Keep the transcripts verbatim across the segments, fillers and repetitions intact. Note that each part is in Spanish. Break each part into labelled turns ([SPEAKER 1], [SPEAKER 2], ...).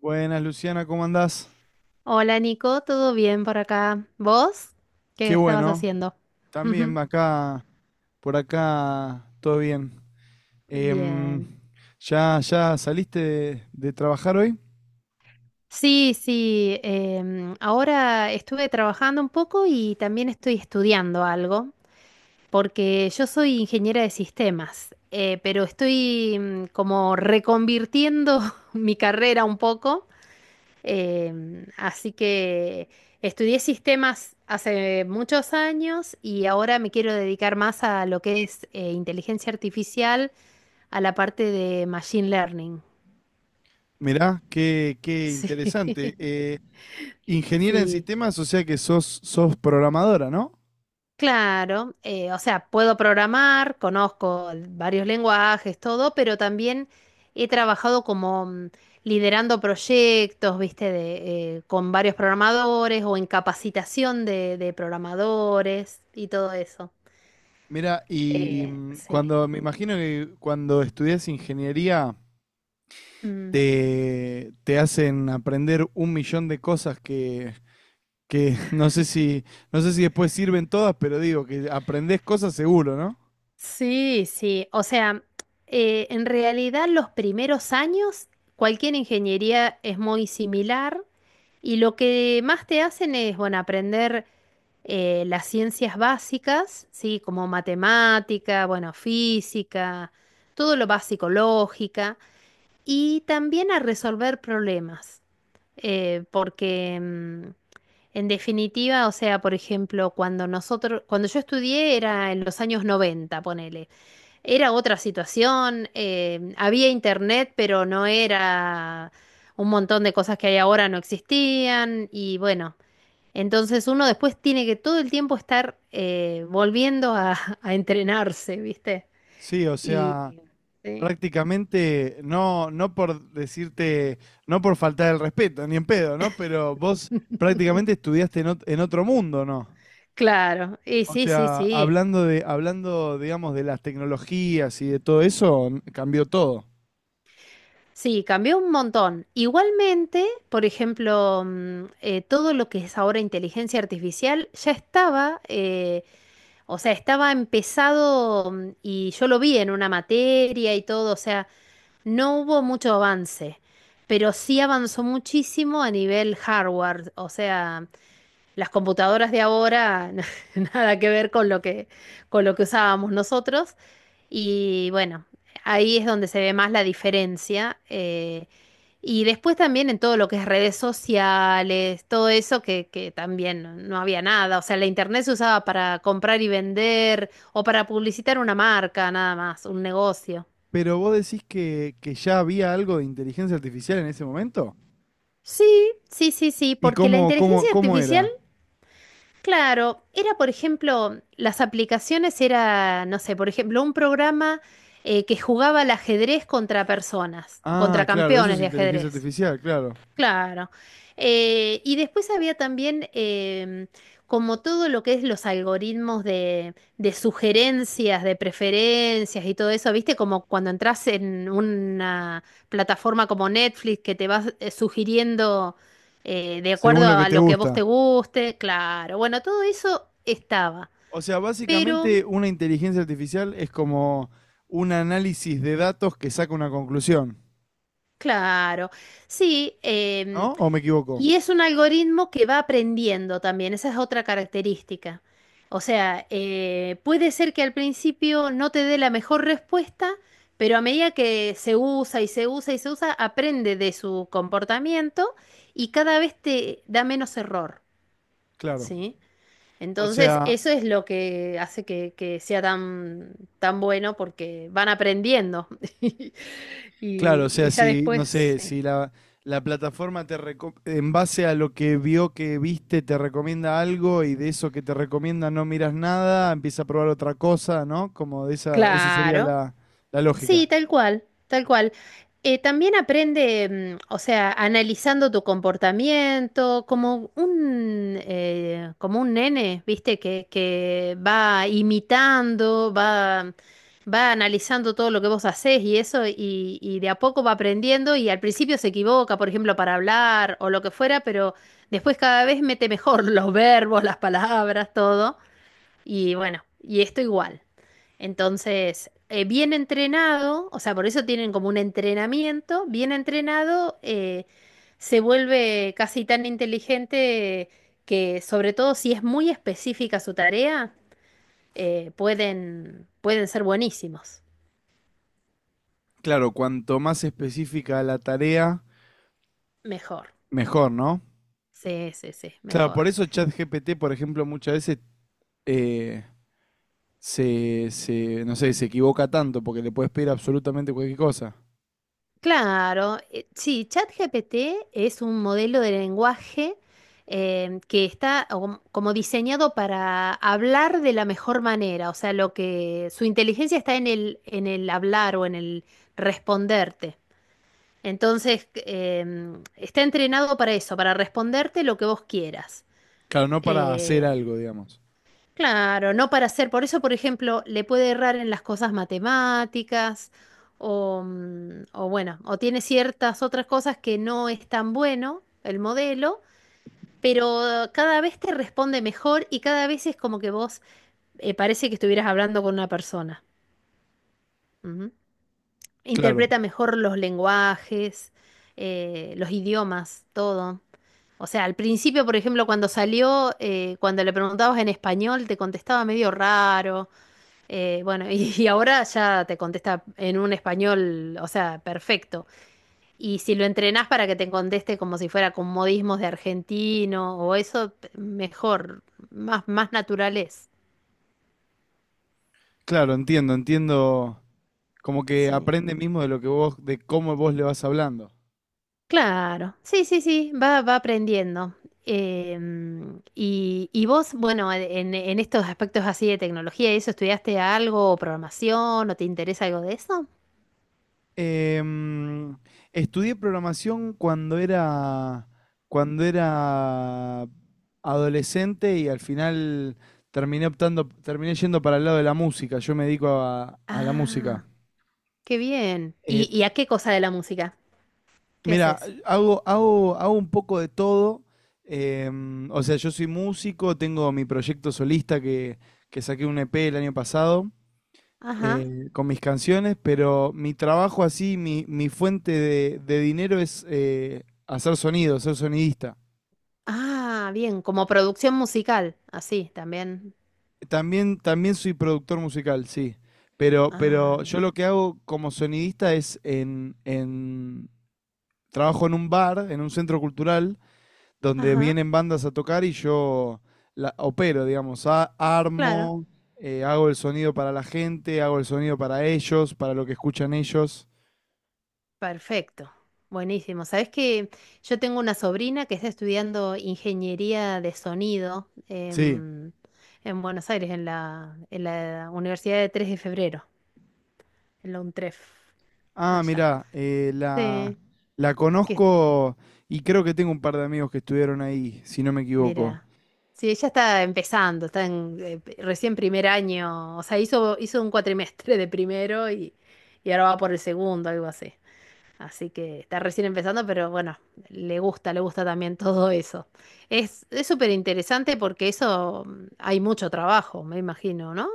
[SPEAKER 1] Buenas, Luciana, ¿cómo andás?
[SPEAKER 2] Hola Nico, ¿todo bien por acá? ¿Vos? ¿Qué
[SPEAKER 1] Qué
[SPEAKER 2] estabas
[SPEAKER 1] bueno.
[SPEAKER 2] haciendo?
[SPEAKER 1] También acá, por acá, todo bien.
[SPEAKER 2] Bien.
[SPEAKER 1] Em, ¿ya, ya saliste de, de trabajar hoy?
[SPEAKER 2] Sí, sí, em, ahora estuve trabajando un poco y también estoy estudiando algo, porque yo soy ingeniera de sistemas, eh, pero estoy mm, como reconvirtiendo mi carrera un poco, em, así que estudié sistemas hace muchos años y ahora me quiero dedicar más a lo que es eh, inteligencia artificial a la parte de Machine Learning.
[SPEAKER 1] Mirá, qué, qué
[SPEAKER 2] Sí,
[SPEAKER 1] interesante. Eh, ingeniera en
[SPEAKER 2] sí.
[SPEAKER 1] sistemas, o sea que sos, sos programadora, ¿no?
[SPEAKER 2] Claro, eh, o sea, puedo programar, conozco varios lenguajes, todo, pero también he trabajado como mm, liderando proyectos, viste, de, eh, con varios programadores o en capacitación de, de programadores y todo eso.
[SPEAKER 1] Mira, y
[SPEAKER 2] Eh,
[SPEAKER 1] mm,
[SPEAKER 2] sí.
[SPEAKER 1] cuando me imagino que cuando estudias ingeniería
[SPEAKER 2] Mm.
[SPEAKER 1] te, te hacen aprender un millón de cosas que, que no sé si, no sé si después sirven todas, pero digo que aprendés cosas seguro, ¿no?
[SPEAKER 2] Sí, sí. O sea, eh, en realidad los primeros años cualquier ingeniería es muy similar y lo que más te hacen es, bueno, aprender eh, las ciencias básicas, sí, como matemática, bueno, física, todo lo básico, lógica y también a resolver problemas. Eh, porque mm, en definitiva, o sea, por ejemplo, cuando nosotros, cuando yo estudié era en los años noventa, ponele. Era otra situación, eh, había internet, pero no era un montón de cosas que hay ahora no existían y bueno, entonces uno después tiene que todo el tiempo estar eh, volviendo a, a entrenarse, ¿viste?
[SPEAKER 1] Sí, o
[SPEAKER 2] Y
[SPEAKER 1] sea,
[SPEAKER 2] sí,
[SPEAKER 1] prácticamente no, no por decirte, no por faltar el respeto, ni en pedo, ¿no? Pero vos prácticamente estudiaste en, ot- en otro mundo, ¿no?
[SPEAKER 2] claro, y
[SPEAKER 1] O
[SPEAKER 2] sí, sí,
[SPEAKER 1] sea,
[SPEAKER 2] sí.
[SPEAKER 1] hablando de, hablando, digamos, de las tecnologías y de todo eso, n- cambió todo.
[SPEAKER 2] Sí, cambió un montón. Igualmente, por ejemplo, mm, eh, todo lo que es ahora inteligencia artificial ya estaba. eh, O sea, estaba empezado mm, y yo lo vi en una materia y todo, o sea, no hubo mucho avance, pero sí avanzó muchísimo a nivel hardware, o sea, las computadoras de ahora nada que ver con lo que con lo que usábamos nosotros, y bueno, ahí es donde se ve más la diferencia. Eh, y después también en todo lo que es redes sociales, todo eso que, que también no no había nada. O sea, la internet se usaba para comprar y vender o para publicitar una marca, nada más, un negocio.
[SPEAKER 1] Pero vos decís que, que ya había algo de inteligencia artificial en ese momento.
[SPEAKER 2] Sí, sí, sí, sí,
[SPEAKER 1] ¿Y
[SPEAKER 2] porque la
[SPEAKER 1] cómo, cómo,
[SPEAKER 2] inteligencia
[SPEAKER 1] cómo
[SPEAKER 2] artificial,
[SPEAKER 1] era?
[SPEAKER 2] claro, era, por ejemplo, las aplicaciones era, no sé, por ejemplo, un programa eh, que jugaba al ajedrez contra personas,
[SPEAKER 1] Ah,
[SPEAKER 2] contra
[SPEAKER 1] claro, eso
[SPEAKER 2] campeones
[SPEAKER 1] es
[SPEAKER 2] de
[SPEAKER 1] inteligencia
[SPEAKER 2] ajedrez.
[SPEAKER 1] artificial, claro.
[SPEAKER 2] Claro. Eh, y después había también em, como todo lo que es los algoritmos de, de sugerencias, de preferencias y todo eso, ¿viste? Como cuando entras en una plataforma como Netflix que te vas eh, sugiriendo eh, de
[SPEAKER 1] Según
[SPEAKER 2] acuerdo
[SPEAKER 1] lo que
[SPEAKER 2] a
[SPEAKER 1] te
[SPEAKER 2] lo que a vos
[SPEAKER 1] gusta.
[SPEAKER 2] te guste, claro. Bueno, todo eso estaba.
[SPEAKER 1] O sea,
[SPEAKER 2] Pero,
[SPEAKER 1] básicamente una inteligencia artificial es como un análisis de datos que saca una conclusión,
[SPEAKER 2] claro, sí. em,
[SPEAKER 1] ¿no? ¿O me equivoco?
[SPEAKER 2] Y es un algoritmo que va aprendiendo también, esa es otra característica. O sea, eh, puede ser que al principio no te dé la mejor respuesta, pero a medida que se usa y se usa y se usa, aprende de su comportamiento y cada vez te da menos error,
[SPEAKER 1] Claro.
[SPEAKER 2] ¿sí?
[SPEAKER 1] O
[SPEAKER 2] Entonces,
[SPEAKER 1] sea,
[SPEAKER 2] eso es lo que hace que, que sea tan, tan bueno porque van aprendiendo.
[SPEAKER 1] claro, o
[SPEAKER 2] Y,
[SPEAKER 1] sea,
[SPEAKER 2] y ya
[SPEAKER 1] si, no
[SPEAKER 2] después,
[SPEAKER 1] sé,
[SPEAKER 2] sí.
[SPEAKER 1] si la, la plataforma te reco- en base a lo que vio que viste te recomienda algo y de eso que te recomienda no miras nada, empieza a probar otra cosa, ¿no? Como de esa, esa sería
[SPEAKER 2] Claro.
[SPEAKER 1] la, la lógica.
[SPEAKER 2] Sí, tal cual, tal cual. Eh, también aprende, mm, o sea, analizando tu comportamiento, como un, eh, como un nene, ¿viste? Que, que va imitando, va, va analizando todo lo que vos hacés y eso, y, y de a poco va aprendiendo y al principio se equivoca, por ejemplo, para hablar o lo que fuera, pero después cada vez mete mejor los verbos, las palabras, todo. Y bueno, y esto igual. Entonces, eh, bien entrenado, o sea, por eso tienen como un entrenamiento, bien entrenado, eh, se vuelve casi tan inteligente que, sobre todo si es muy específica su tarea, eh, pueden, pueden ser buenísimos.
[SPEAKER 1] Claro, cuanto más específica la tarea,
[SPEAKER 2] Mejor.
[SPEAKER 1] mejor, ¿no?
[SPEAKER 2] Sí, sí, sí,
[SPEAKER 1] Claro,
[SPEAKER 2] mejor.
[SPEAKER 1] por eso ChatGPT, por ejemplo, muchas veces eh, se, se, no sé, se equivoca tanto porque le puedes pedir absolutamente cualquier cosa.
[SPEAKER 2] Claro, eh, sí, ChatGPT es un modelo de lenguaje em, que está como como diseñado para hablar de la mejor manera, o sea, lo que su inteligencia está en el, en el hablar o en el responderte. Entonces, em, está entrenado para eso, para responderte lo que vos quieras.
[SPEAKER 1] Claro, no para hacer
[SPEAKER 2] Eh,
[SPEAKER 1] algo, digamos.
[SPEAKER 2] Claro, no para hacer. Por eso, por ejemplo, le puede errar en las cosas matemáticas o, mm, o bueno, o tiene ciertas otras cosas que no es tan bueno el modelo, pero cada vez te responde mejor y cada vez es como que vos eh, parece que estuvieras hablando con una persona. Ujú.
[SPEAKER 1] Claro,
[SPEAKER 2] Interpreta mejor los lenguajes, eh, los idiomas, todo. O sea, al principio, por ejemplo, cuando salió, eh, cuando le preguntabas en español, te contestaba medio raro. Eh, bueno, y, ahora ya te contesta en un español, o sea, perfecto. Y si lo entrenás para que te conteste como si fuera con modismos de argentino o eso, p- mejor, más, más natural es.
[SPEAKER 1] claro, entiendo, entiendo. Como que
[SPEAKER 2] Sí.
[SPEAKER 1] aprende mismo de lo que vos, de cómo vos le vas hablando.
[SPEAKER 2] Claro, sí, sí, sí, va, va aprendiendo. Em, y, y vos, bueno, en, en estos aspectos así de tecnología y eso, ¿estudiaste algo o programación o te interesa algo de eso?
[SPEAKER 1] Em, estudié programación cuando era, cuando era adolescente y al final terminé optando, terminé yendo para el lado de la música. Yo me dedico a, a la música.
[SPEAKER 2] Ah, qué bien.
[SPEAKER 1] Eh,
[SPEAKER 2] ¿Y, y a qué cosa de la música? ¿Qué
[SPEAKER 1] mira,
[SPEAKER 2] haces?
[SPEAKER 1] hago, hago, hago un poco de todo. Em, o sea, yo soy músico, tengo mi proyecto solista que, que saqué un E P el año pasado.
[SPEAKER 2] Ajá.
[SPEAKER 1] Eh, con mis canciones, pero mi trabajo así, mi, mi fuente de, de dinero es eh, hacer sonido, ser sonidista.
[SPEAKER 2] Ah, bien, como producción musical, así también.
[SPEAKER 1] También, también soy productor musical, sí. Pero,
[SPEAKER 2] Ah,
[SPEAKER 1] pero yo
[SPEAKER 2] mira.
[SPEAKER 1] lo que hago como sonidista es en, en- trabajo en un bar, en un centro cultural, donde
[SPEAKER 2] Ajá,
[SPEAKER 1] vienen bandas a tocar y yo la opero, digamos, a-
[SPEAKER 2] claro,
[SPEAKER 1] armo, eh, hago el sonido para la gente, hago el sonido para ellos, para lo que escuchan ellos.
[SPEAKER 2] perfecto. Buenísimo. Sabes que yo tengo una sobrina que está estudiando ingeniería de sonido
[SPEAKER 1] Sí.
[SPEAKER 2] en, en Buenos Aires, en la, en la Universidad de Tres de Febrero, en la UNTREF,
[SPEAKER 1] Ah,
[SPEAKER 2] allá.
[SPEAKER 1] mirá, eh, la,
[SPEAKER 2] Sí,
[SPEAKER 1] la
[SPEAKER 2] que
[SPEAKER 1] conozco y creo que tengo un par de amigos que estuvieron ahí, si no me equivoco.
[SPEAKER 2] Mira, sí, ella está empezando, está en, eh, p- recién primer año, o sea, hizo, hizo un cuatrimestre de primero y, y, ahora va por el segundo, algo así. Así que está recién empezando, pero bueno, le gusta, le gusta también todo eso. Es, es súper interesante porque eso mm, hay mucho trabajo, me imagino, ¿no?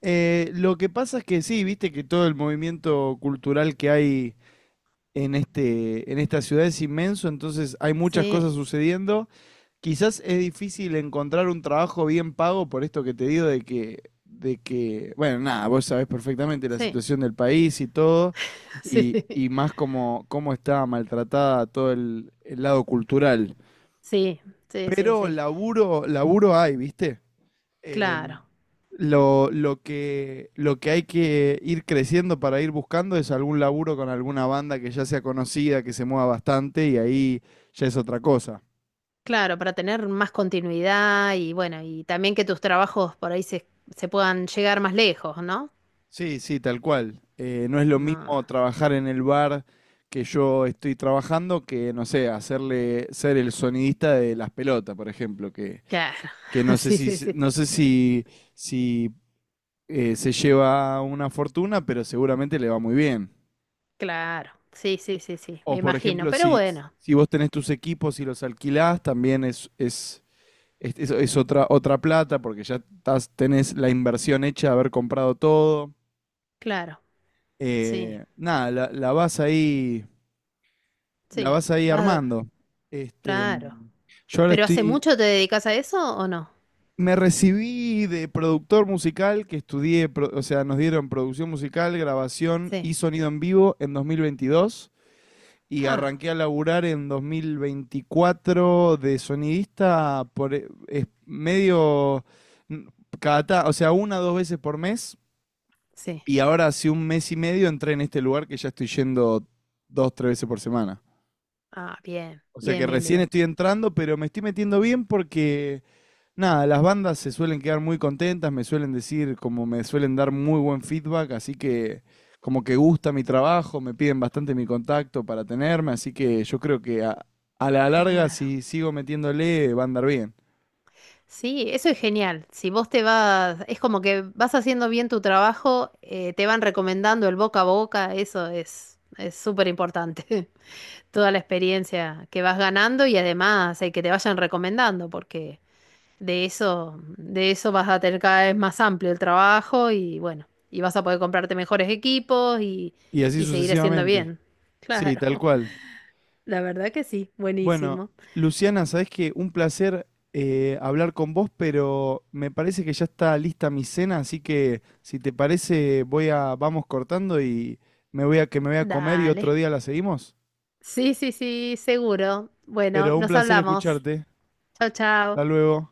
[SPEAKER 1] Eh, lo que pasa es que sí, viste que todo el movimiento cultural que hay en este, en esta ciudad es inmenso, entonces hay muchas cosas
[SPEAKER 2] Sí,
[SPEAKER 1] sucediendo. Quizás es difícil encontrar un trabajo bien pago por esto que te digo de que, de que, bueno, nada, vos sabés perfectamente la
[SPEAKER 2] sí,
[SPEAKER 1] situación del país y todo, y,
[SPEAKER 2] sí,
[SPEAKER 1] y más como cómo está maltratada todo el el lado cultural.
[SPEAKER 2] sí, sí, sí,
[SPEAKER 1] Pero
[SPEAKER 2] sí,
[SPEAKER 1] laburo, laburo hay, ¿viste? Eh,
[SPEAKER 2] claro.
[SPEAKER 1] lo, lo que, lo que hay que ir creciendo para ir buscando es algún laburo con alguna banda que ya sea conocida, que se mueva bastante y ahí ya es otra cosa.
[SPEAKER 2] Claro, para tener más continuidad y bueno, y también que tus trabajos por ahí se, se puedan llegar más lejos, ¿no?
[SPEAKER 1] Sí, sí, tal cual. Eh, no es lo
[SPEAKER 2] No,
[SPEAKER 1] mismo trabajar en el bar que yo estoy trabajando que, no sé, hacerle ser el sonidista de las pelotas, por ejemplo, que,
[SPEAKER 2] claro,
[SPEAKER 1] que no sé
[SPEAKER 2] sí,
[SPEAKER 1] si,
[SPEAKER 2] sí, sí,
[SPEAKER 1] no sé si, si eh, se lleva una fortuna, pero seguramente le va muy bien.
[SPEAKER 2] claro, sí, sí, sí, sí, me
[SPEAKER 1] O por
[SPEAKER 2] imagino,
[SPEAKER 1] ejemplo,
[SPEAKER 2] pero
[SPEAKER 1] si,
[SPEAKER 2] bueno,
[SPEAKER 1] si vos tenés tus equipos y los alquilás, también es, es, es, es- es otra, otra plata, porque ya estás, tenés la inversión hecha de haber comprado todo.
[SPEAKER 2] claro, sí,
[SPEAKER 1] Eh, nada, la, la vas ahí, la
[SPEAKER 2] sí,
[SPEAKER 1] vas ahí
[SPEAKER 2] vas,
[SPEAKER 1] armando. Este,
[SPEAKER 2] claro.
[SPEAKER 1] yo ahora
[SPEAKER 2] ¿Pero hace
[SPEAKER 1] estoy.
[SPEAKER 2] mucho te dedicas a eso o no?
[SPEAKER 1] Me recibí de productor musical, que estudié, pro- o sea, nos dieron producción musical, grabación
[SPEAKER 2] Sí,
[SPEAKER 1] y sonido en vivo en dos mil veintidós. Y
[SPEAKER 2] ah,
[SPEAKER 1] arranqué a laburar en dos mil veinticuatro de sonidista por eh, es medio n- cada, ta- o sea, una dos veces por mes.
[SPEAKER 2] sí,
[SPEAKER 1] Y ahora hace un mes y medio entré en este lugar que ya estoy yendo dos, tres veces por semana.
[SPEAKER 2] ah, bien,
[SPEAKER 1] O sea
[SPEAKER 2] bien,
[SPEAKER 1] que
[SPEAKER 2] bien,
[SPEAKER 1] recién
[SPEAKER 2] bien,
[SPEAKER 1] estoy entrando, pero me estoy metiendo bien porque nada, las bandas se suelen quedar muy contentas, me suelen decir, como me suelen dar muy buen feedback, así que como que gusta mi trabajo, me piden bastante mi contacto para tenerme, así que yo creo que a, a la larga,
[SPEAKER 2] claro.
[SPEAKER 1] si sigo metiéndole, va a andar bien.
[SPEAKER 2] Sí, eso es genial. Si vos te vas, es como que vas haciendo bien tu trabajo, eh, te van recomendando el boca a boca, eso es es súper importante. Toda la experiencia que vas ganando y además eh, que te vayan recomendando, porque de eso, de eso vas a tener cada vez más amplio el trabajo y bueno, y vas a poder comprarte mejores equipos y,
[SPEAKER 1] Y así
[SPEAKER 2] y seguir haciendo
[SPEAKER 1] sucesivamente.
[SPEAKER 2] bien.
[SPEAKER 1] Sí, tal
[SPEAKER 2] Claro,
[SPEAKER 1] cual.
[SPEAKER 2] la verdad que sí,
[SPEAKER 1] Bueno,
[SPEAKER 2] buenísimo.
[SPEAKER 1] Luciana, sabes que un placer eh, hablar con vos, pero me parece que ya está lista mi cena, así que si te parece, voy a, vamos cortando y me voy a que me voy a comer y otro
[SPEAKER 2] Dale.
[SPEAKER 1] día la seguimos.
[SPEAKER 2] Sí, sí, sí, seguro. Bueno,
[SPEAKER 1] Pero un
[SPEAKER 2] nos
[SPEAKER 1] placer
[SPEAKER 2] hablamos.
[SPEAKER 1] escucharte.
[SPEAKER 2] Chao,
[SPEAKER 1] Hasta
[SPEAKER 2] chao.
[SPEAKER 1] luego.